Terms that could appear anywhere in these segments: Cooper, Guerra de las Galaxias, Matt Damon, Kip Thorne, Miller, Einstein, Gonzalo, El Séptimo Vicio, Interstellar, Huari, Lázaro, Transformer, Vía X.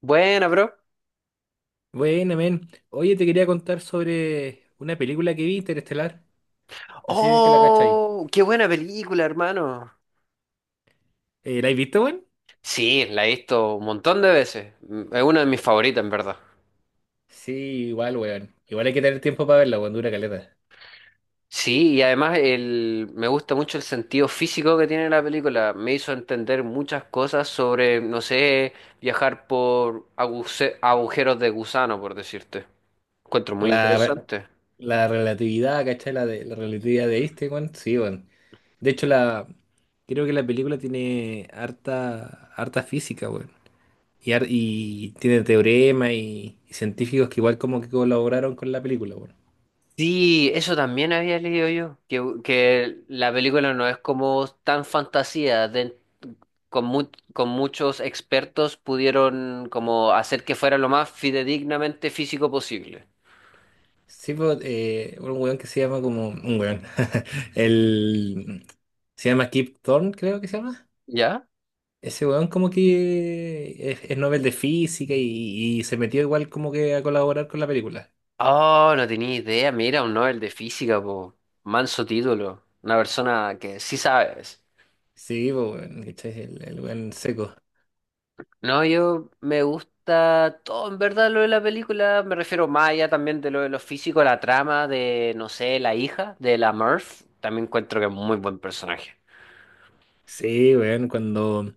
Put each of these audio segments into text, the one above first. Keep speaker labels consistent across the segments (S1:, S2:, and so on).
S1: Buena, bro.
S2: Bueno, men. Oye, te quería contar sobre una película que vi, Interestelar. No sé si es que la cachai.
S1: ¡Oh! ¡Qué buena película, hermano!
S2: ¿La has visto, weón?
S1: Sí, la he visto un montón de veces. Es una de mis favoritas, en verdad.
S2: Sí, igual, weón. Igual hay que tener tiempo para verla, weón. Dura caleta.
S1: Sí, y además me gusta mucho el sentido físico que tiene la película. Me hizo entender muchas cosas sobre, no sé, viajar por agujeros de gusano, por decirte. Encuentro muy
S2: La, re-
S1: interesante.
S2: la relatividad, ¿cachai? La relatividad de Einstein, weón. Sí, weón. De hecho, creo que la película tiene harta física, weón. Y, y tiene teorema y científicos que igual como que colaboraron con la película, weón.
S1: Sí, eso también había leído yo, que la película no es como tan fantasía, con, con muchos expertos pudieron como hacer que fuera lo más fidedignamente físico posible.
S2: Sí, pues, un weón que se llama como. Un weón. El. Se llama Kip Thorne, creo que se llama.
S1: ¿Ya?
S2: Ese weón como que es Nobel de Física y se metió igual como que a colaborar con la película.
S1: Oh, no tenía idea, mira, un Nobel de física, po. Manso título, una persona que sí sabes.
S2: Sí, pues, weón, ¿cachai? El weón seco.
S1: No, yo me gusta todo, en verdad, lo de la película. Me refiero más allá también de lo físico, la trama de, no sé, la hija de la Murph. También encuentro que es muy buen personaje.
S2: Sí, weón, cuando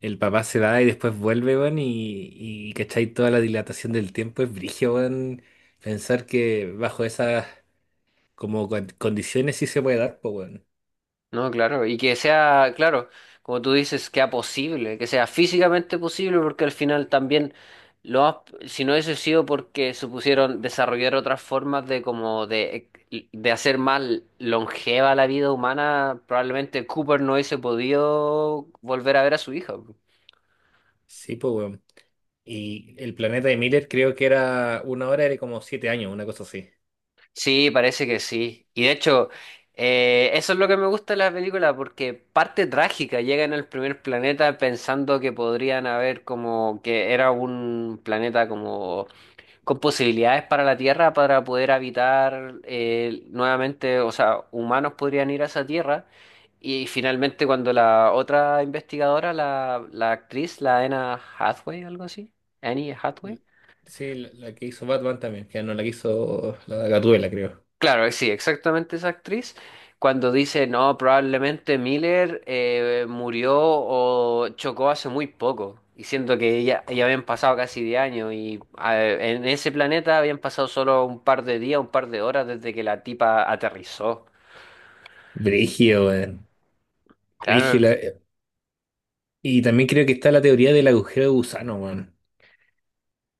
S2: el papá se va y después vuelve, weón, y ¿cachai? Toda la dilatación del tiempo es brígido, weón. Pensar que bajo esas como condiciones sí se puede dar, pues, weón.
S1: No, claro. Y que sea, claro, como tú dices, que sea posible, que sea físicamente posible, porque al final también, lo si no hubiese sido porque supusieron desarrollar otras formas de como de hacer más longeva la vida humana, probablemente Cooper no hubiese podido volver a ver a su hija.
S2: Sí, pues, weón. Y el planeta de Miller creo que era una hora, era como 7 años, una cosa así.
S1: Sí, parece que sí. Y de hecho, eso es lo que me gusta de la película, porque parte trágica, llegan al primer planeta pensando que podrían haber como que era un planeta como con posibilidades para la Tierra para poder habitar nuevamente, o sea, humanos podrían ir a esa Tierra. Y finalmente cuando la otra investigadora, la actriz, la Anna Hathaway, algo así, Annie Hathaway.
S2: L- Sí, la que hizo Batman también, que no la que hizo la Gatúbela, creo.
S1: Claro, sí, exactamente esa actriz, cuando dice, no, probablemente Miller murió o chocó hace muy poco, y siento que ya habían pasado casi 10 años, y en ese planeta habían pasado solo un par de días, un par de horas desde que la tipa aterrizó.
S2: Brígido, weón. Brígido.
S1: Claro,
S2: Y también creo que está la teoría del agujero de gusano, weón.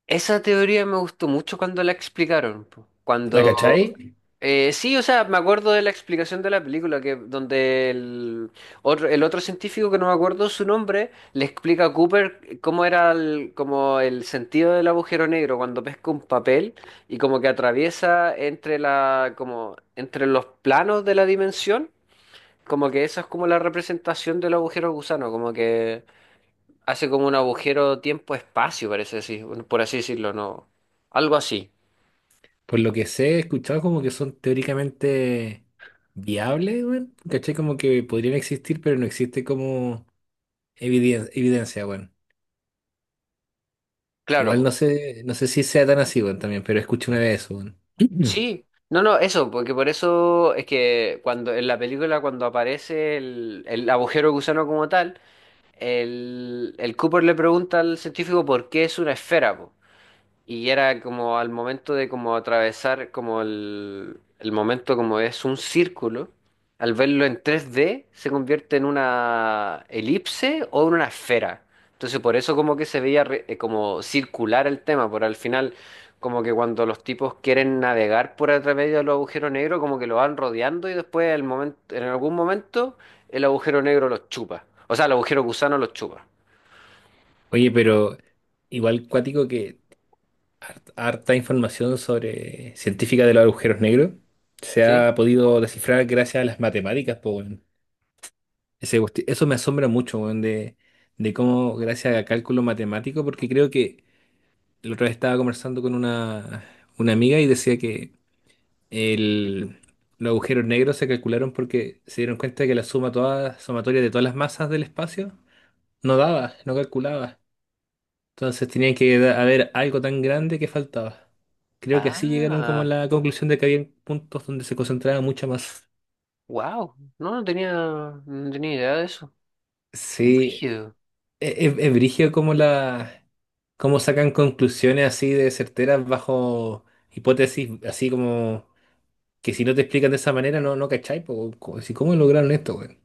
S1: esa teoría me gustó mucho cuando la explicaron, po.
S2: ¿La cachai?
S1: Sí, o sea, me acuerdo de la explicación de la película, que donde el otro científico, que no me acuerdo su nombre, le explica a Cooper cómo era como el sentido del agujero negro cuando pesca un papel y como que atraviesa entre como, entre los planos de la dimensión, como que esa es como la representación del agujero gusano, como que... Hace como un agujero tiempo-espacio, parece así, por así decirlo, ¿no? Algo así.
S2: Por lo que sé, he escuchado como que son teóricamente viables, weón. ¿Cachai? Como que podrían existir, pero no existe como evidencia, weón.
S1: Claro,
S2: Igual no
S1: po.
S2: sé, no sé si sea tan así, weón, también, pero escuché una vez eso, weón.
S1: Sí. No, no, eso, porque por eso es que cuando en la película, cuando aparece el agujero gusano como tal, el Cooper le pregunta al científico por qué es una esfera, po. Y era como al momento de como atravesar como el momento como es un círculo, al verlo en tres d se convierte en una elipse o en una esfera. Entonces por eso como que se veía como circular el tema, por al final como que cuando los tipos quieren navegar por a través de los agujeros negros como que lo van rodeando y después el momento, en algún momento el agujero negro los chupa. O sea, el agujero gusano los chupa.
S2: Oye, pero igual cuático que harta información sobre científica de los agujeros negros se
S1: ¿Sí?
S2: ha podido descifrar gracias a las matemáticas, po, weón. Eso me asombra mucho, weón, de cómo gracias a cálculo matemático, porque creo que la otra vez estaba conversando con una amiga y decía que el, los agujeros negros se calcularon porque se dieron cuenta que la suma toda, sumatoria de todas las masas del espacio no daba, no calculaba. Entonces tenían que haber algo tan grande que faltaba. Creo que así llegaron como a
S1: Ah.
S2: la conclusión de que había puntos donde se concentraba mucha más.
S1: Wow, no, no tenía idea de eso.
S2: Sí,
S1: Brígido.
S2: es, brígido como cómo sacan conclusiones así de certeras bajo hipótesis, así como que si no te explican de esa manera no, no cachai, po, si ¿cómo lograron esto, weón?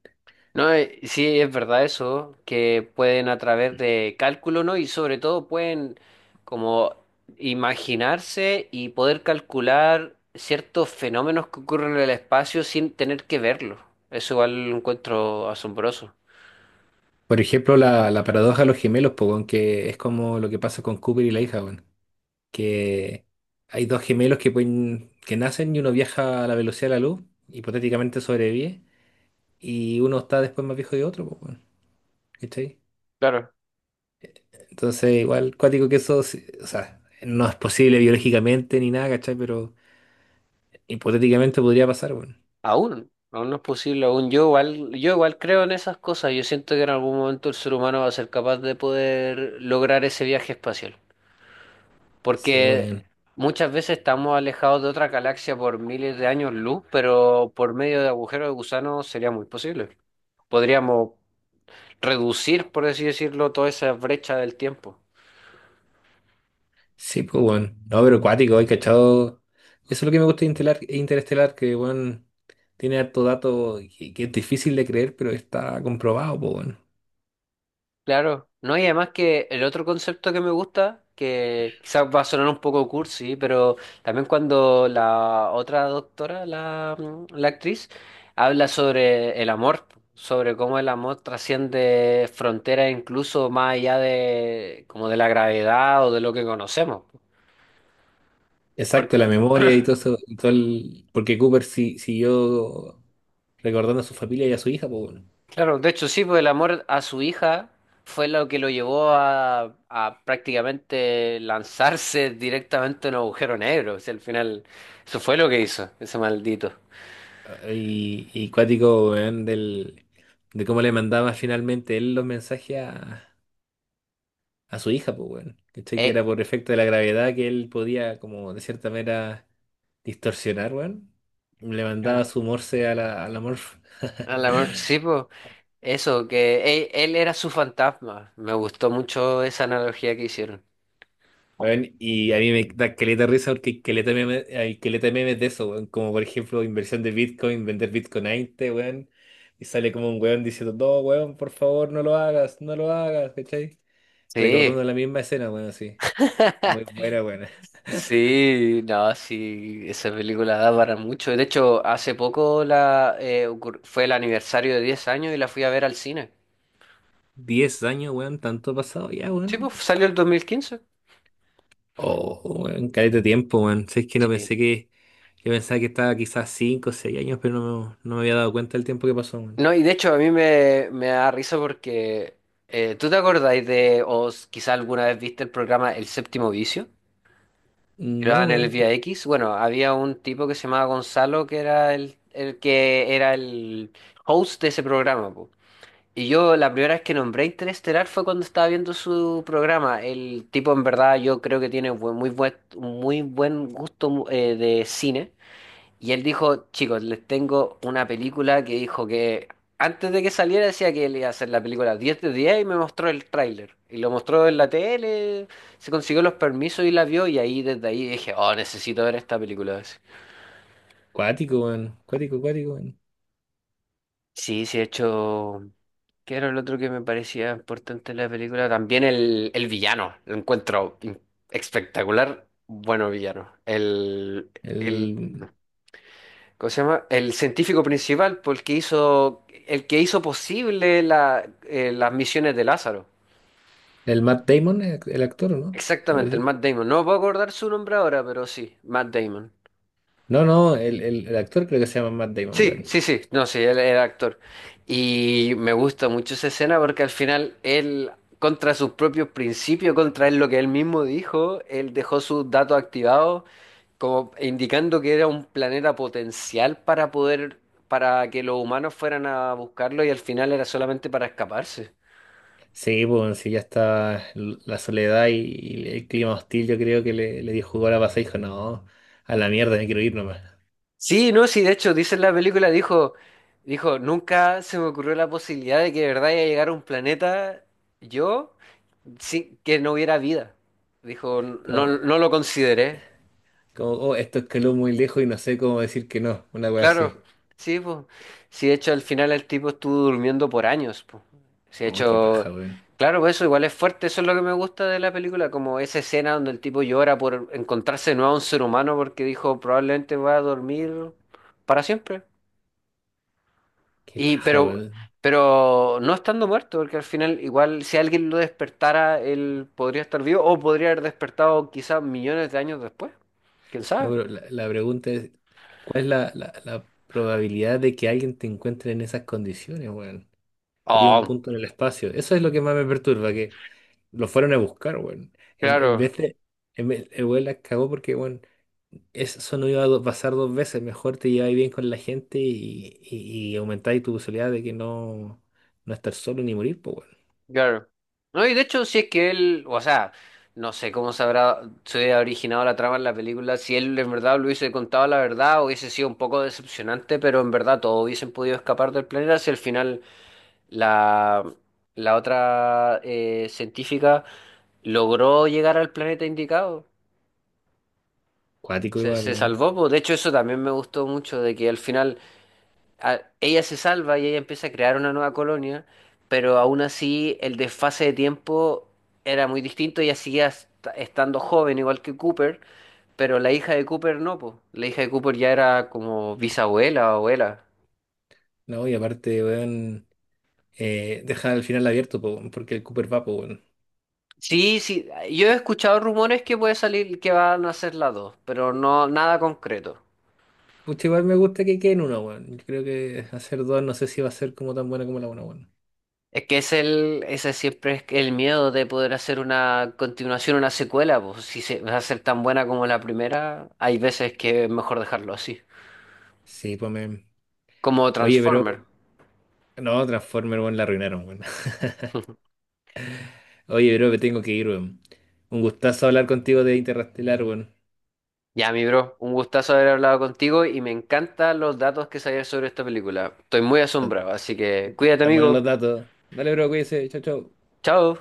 S1: No, sí, es verdad eso, que pueden a través de cálculo, ¿no? Y sobre todo pueden como imaginarse y poder calcular ciertos fenómenos que ocurren en el espacio sin tener que verlo. Eso igual lo encuentro asombroso.
S2: Por ejemplo, la paradoja de los gemelos, po, weón, que es como lo que pasa con Cooper y la hija, weón. Que hay dos gemelos que pueden, que nacen y uno viaja a la velocidad de la luz, hipotéticamente sobrevive, y uno está después más viejo que otro, pues, bueno, ¿cachai?
S1: Claro.
S2: Entonces, igual, cuático que eso, sí, o sea, no es posible biológicamente ni nada, ¿cachai? Pero hipotéticamente podría pasar, bueno.
S1: Aún no es posible, aún yo igual creo en esas cosas. Yo siento que en algún momento el ser humano va a ser capaz de poder lograr ese viaje espacial.
S2: Sí,
S1: Porque
S2: bueno.
S1: muchas veces estamos alejados de otra galaxia por miles de años luz, pero por medio de agujeros de gusano sería muy posible. Podríamos reducir, por así decirlo, toda esa brecha del tiempo.
S2: Sí, pues, bueno. No, pero cuático, hay cachado. Eso es lo que me gusta de Interestelar, que, bueno, tiene harto dato que es difícil de creer, pero está comprobado, pues, bueno.
S1: Claro, no, y además que el otro concepto que me gusta, que quizás va a sonar un poco cursi, pero también cuando la otra doctora, la actriz, habla sobre el amor, sobre cómo el amor trasciende fronteras incluso más allá de como de la gravedad o de lo que conocemos.
S2: Exacto, la memoria y todo eso, y todo el- porque Cooper si, siguió recordando a su familia y a su hija, pues bueno.
S1: Claro, de hecho sí, pues el amor a su hija fue lo que lo llevó a prácticamente lanzarse directamente en un agujero negro. O sea, al final, eso fue lo que hizo, ese maldito.
S2: Y cuático, weón, de cómo le mandaba finalmente él los mensajes a su hija, pues bueno. ¿Cachai? Que era
S1: Eh,
S2: por efecto de la gravedad que él podía, como de cierta manera, distorsionar, weón. Le mandaba
S1: Claro,
S2: su morse a a la Morph.
S1: al amor, sí, pues, eso, que él era su fantasma. Me gustó mucho esa analogía que hicieron.
S2: Weón, y a mí me da caleta de risa porque hay caleta de hay caleta de memes de eso, weón. Como por ejemplo, inversión de Bitcoin, vender Bitcoin a 20, weón. Y sale como un weón diciendo, no, weón, por favor, no lo hagas, no lo hagas, ¿cachai? Recordando
S1: Sí,
S2: la misma escena, weón, así. Muy buena, weón.
S1: sí, no, sí, esa película da para mucho. De hecho, hace poco fue el aniversario de 10 años y la fui a ver al cine.
S2: 10 años, weón, tanto ha pasado ya,
S1: Sí, pues
S2: weón.
S1: salió el 2015.
S2: Oh, weón, caleta de tiempo, weón. Si es que no
S1: Sí.
S2: pensé que. Yo pensaba que estaba quizás 5 o 6 años, pero no, no me había dado cuenta del tiempo que pasó, weón.
S1: No, y de hecho a mí me da risa porque ¿tú te acordáis de, quizá alguna vez viste el programa El Séptimo Vicio? Que lo
S2: No,
S1: daban en el
S2: weón.
S1: Vía X. Bueno, había un tipo que se llamaba Gonzalo que era el que era el host de ese programa, po. Y yo la primera vez que nombré Interestelar fue cuando estaba viendo su programa. El tipo en verdad yo creo que tiene muy muy buen gusto de cine. Y él dijo, chicos, les tengo una película, que dijo que antes de que saliera decía que él iba a hacer la película 10 de 10 y me mostró el tráiler. Y lo mostró en la tele, se consiguió los permisos y la vio, y ahí desde ahí dije, oh, necesito ver esta película.
S2: Cuático, weón. Cuático, cuático, weón.
S1: Sí, sí, he hecho... ¿Qué era el otro que me parecía importante en la película? También el villano, lo encuentro espectacular, bueno villano. El,
S2: El,
S1: ¿Cómo se llama? El científico principal, por el que hizo posible las misiones de Lázaro.
S2: el Matt Damon, el actor, ¿o ¿no?
S1: Exactamente, el
S2: El-
S1: Matt Damon. No puedo acordar su nombre ahora, pero sí, Matt Damon.
S2: no, no, el actor creo que se llama Matt Damon,
S1: Sí,
S2: weón.
S1: sí, sí, no, sí, él era actor. Y me gusta mucho esa escena porque al final contra sus propios principios, contra él, lo que él mismo dijo, él dejó sus datos activados como indicando que era un planeta potencial para para que los humanos fueran a buscarlo y al final era solamente para escaparse.
S2: Sí, bueno, sí, ya está la soledad y el clima hostil, yo creo que le dio jugo a la pasada y dijo, no, a la mierda, me quiero ir nomás.
S1: Sí, no, sí, de hecho, dice en la película, dijo, nunca se me ocurrió la posibilidad de que de verdad iba a llegar a un planeta yo, sí, que no hubiera vida. Dijo, no,
S2: Como,
S1: no lo consideré.
S2: como, oh, esto escaló muy lejos y no sé cómo decir que no, una wea
S1: Claro,
S2: así.
S1: sí, pues. Sí, de hecho, al final el tipo estuvo durmiendo por años, pues. Sí, de
S2: Oh, qué
S1: hecho,
S2: paja, weón.
S1: claro, pues eso igual es fuerte, eso es lo que me gusta de la película, como esa escena donde el tipo llora por encontrarse de nuevo a un ser humano porque dijo probablemente va a dormir para siempre.
S2: Qué
S1: Y,
S2: paja,
S1: pero,
S2: weón.
S1: pero no estando muerto, porque al final igual si alguien lo despertara, él podría estar vivo o podría haber despertado quizás millones de años después. ¿Quién
S2: No,
S1: sabe?
S2: pero la pregunta es, ¿cuál es la probabilidad de que alguien te encuentre en esas condiciones, weón? Sería un
S1: Oh,
S2: punto en el espacio. Eso es lo que más me perturba, que lo fueron a buscar, weón. En
S1: claro.
S2: vez de... en vez- el weón la cagó porque, weón, eso no iba a pasar dos veces. Mejor te lleváis bien con la gente y aumentáis tu posibilidad de que no, no estar solo ni morir, pues, weón.
S1: Claro. No, y de hecho, si es que o sea, no sé cómo se habrá, se hubiera originado la trama en la película, si él en verdad lo hubiese contado la verdad, hubiese sido un poco decepcionante, pero en verdad todos hubiesen podido escapar del planeta si al final la, la otra científica logró llegar al planeta indicado.
S2: Cuático igual,
S1: Se
S2: weón.
S1: salvó, pues. De hecho, eso también me gustó mucho, de que al final ella se salva y ella empieza a crear una nueva colonia, pero aún así el desfase de tiempo era muy distinto. Ella seguía estando joven, igual que Cooper, pero la hija de Cooper no, po. La hija de Cooper ya era como bisabuela o abuela.
S2: No, y aparte, weón, dejar el final abierto, po, weón, porque el Cooper va, po, weón.
S1: Sí, sí, yo he escuchado rumores que puede salir que van a ser las dos, pero no nada concreto.
S2: Pucha, igual me gusta que queden uno, weón. Yo creo que hacer dos no sé si va a ser como tan buena como la una, weón.
S1: Es que es ese siempre es el miedo de poder hacer una continuación, una secuela, pues si se va a ser tan buena como la primera, hay veces que es mejor dejarlo así,
S2: Sí, pues, me...
S1: como
S2: Oye, pero...
S1: Transformer.
S2: No, Transformer, weón, la arruinaron, weón. Oye, bro, me tengo que ir, weón. Un gustazo hablar contigo de Interestelar, weón.
S1: Ya, mi bro, un gustazo haber hablado contigo y me encantan los datos que sabías sobre esta película. Estoy muy
S2: Tan
S1: asombrado, así que cuídate,
S2: tan buenos los
S1: amigo.
S2: datos. Dale, bro, cuídese. Chau, chau.
S1: Chao.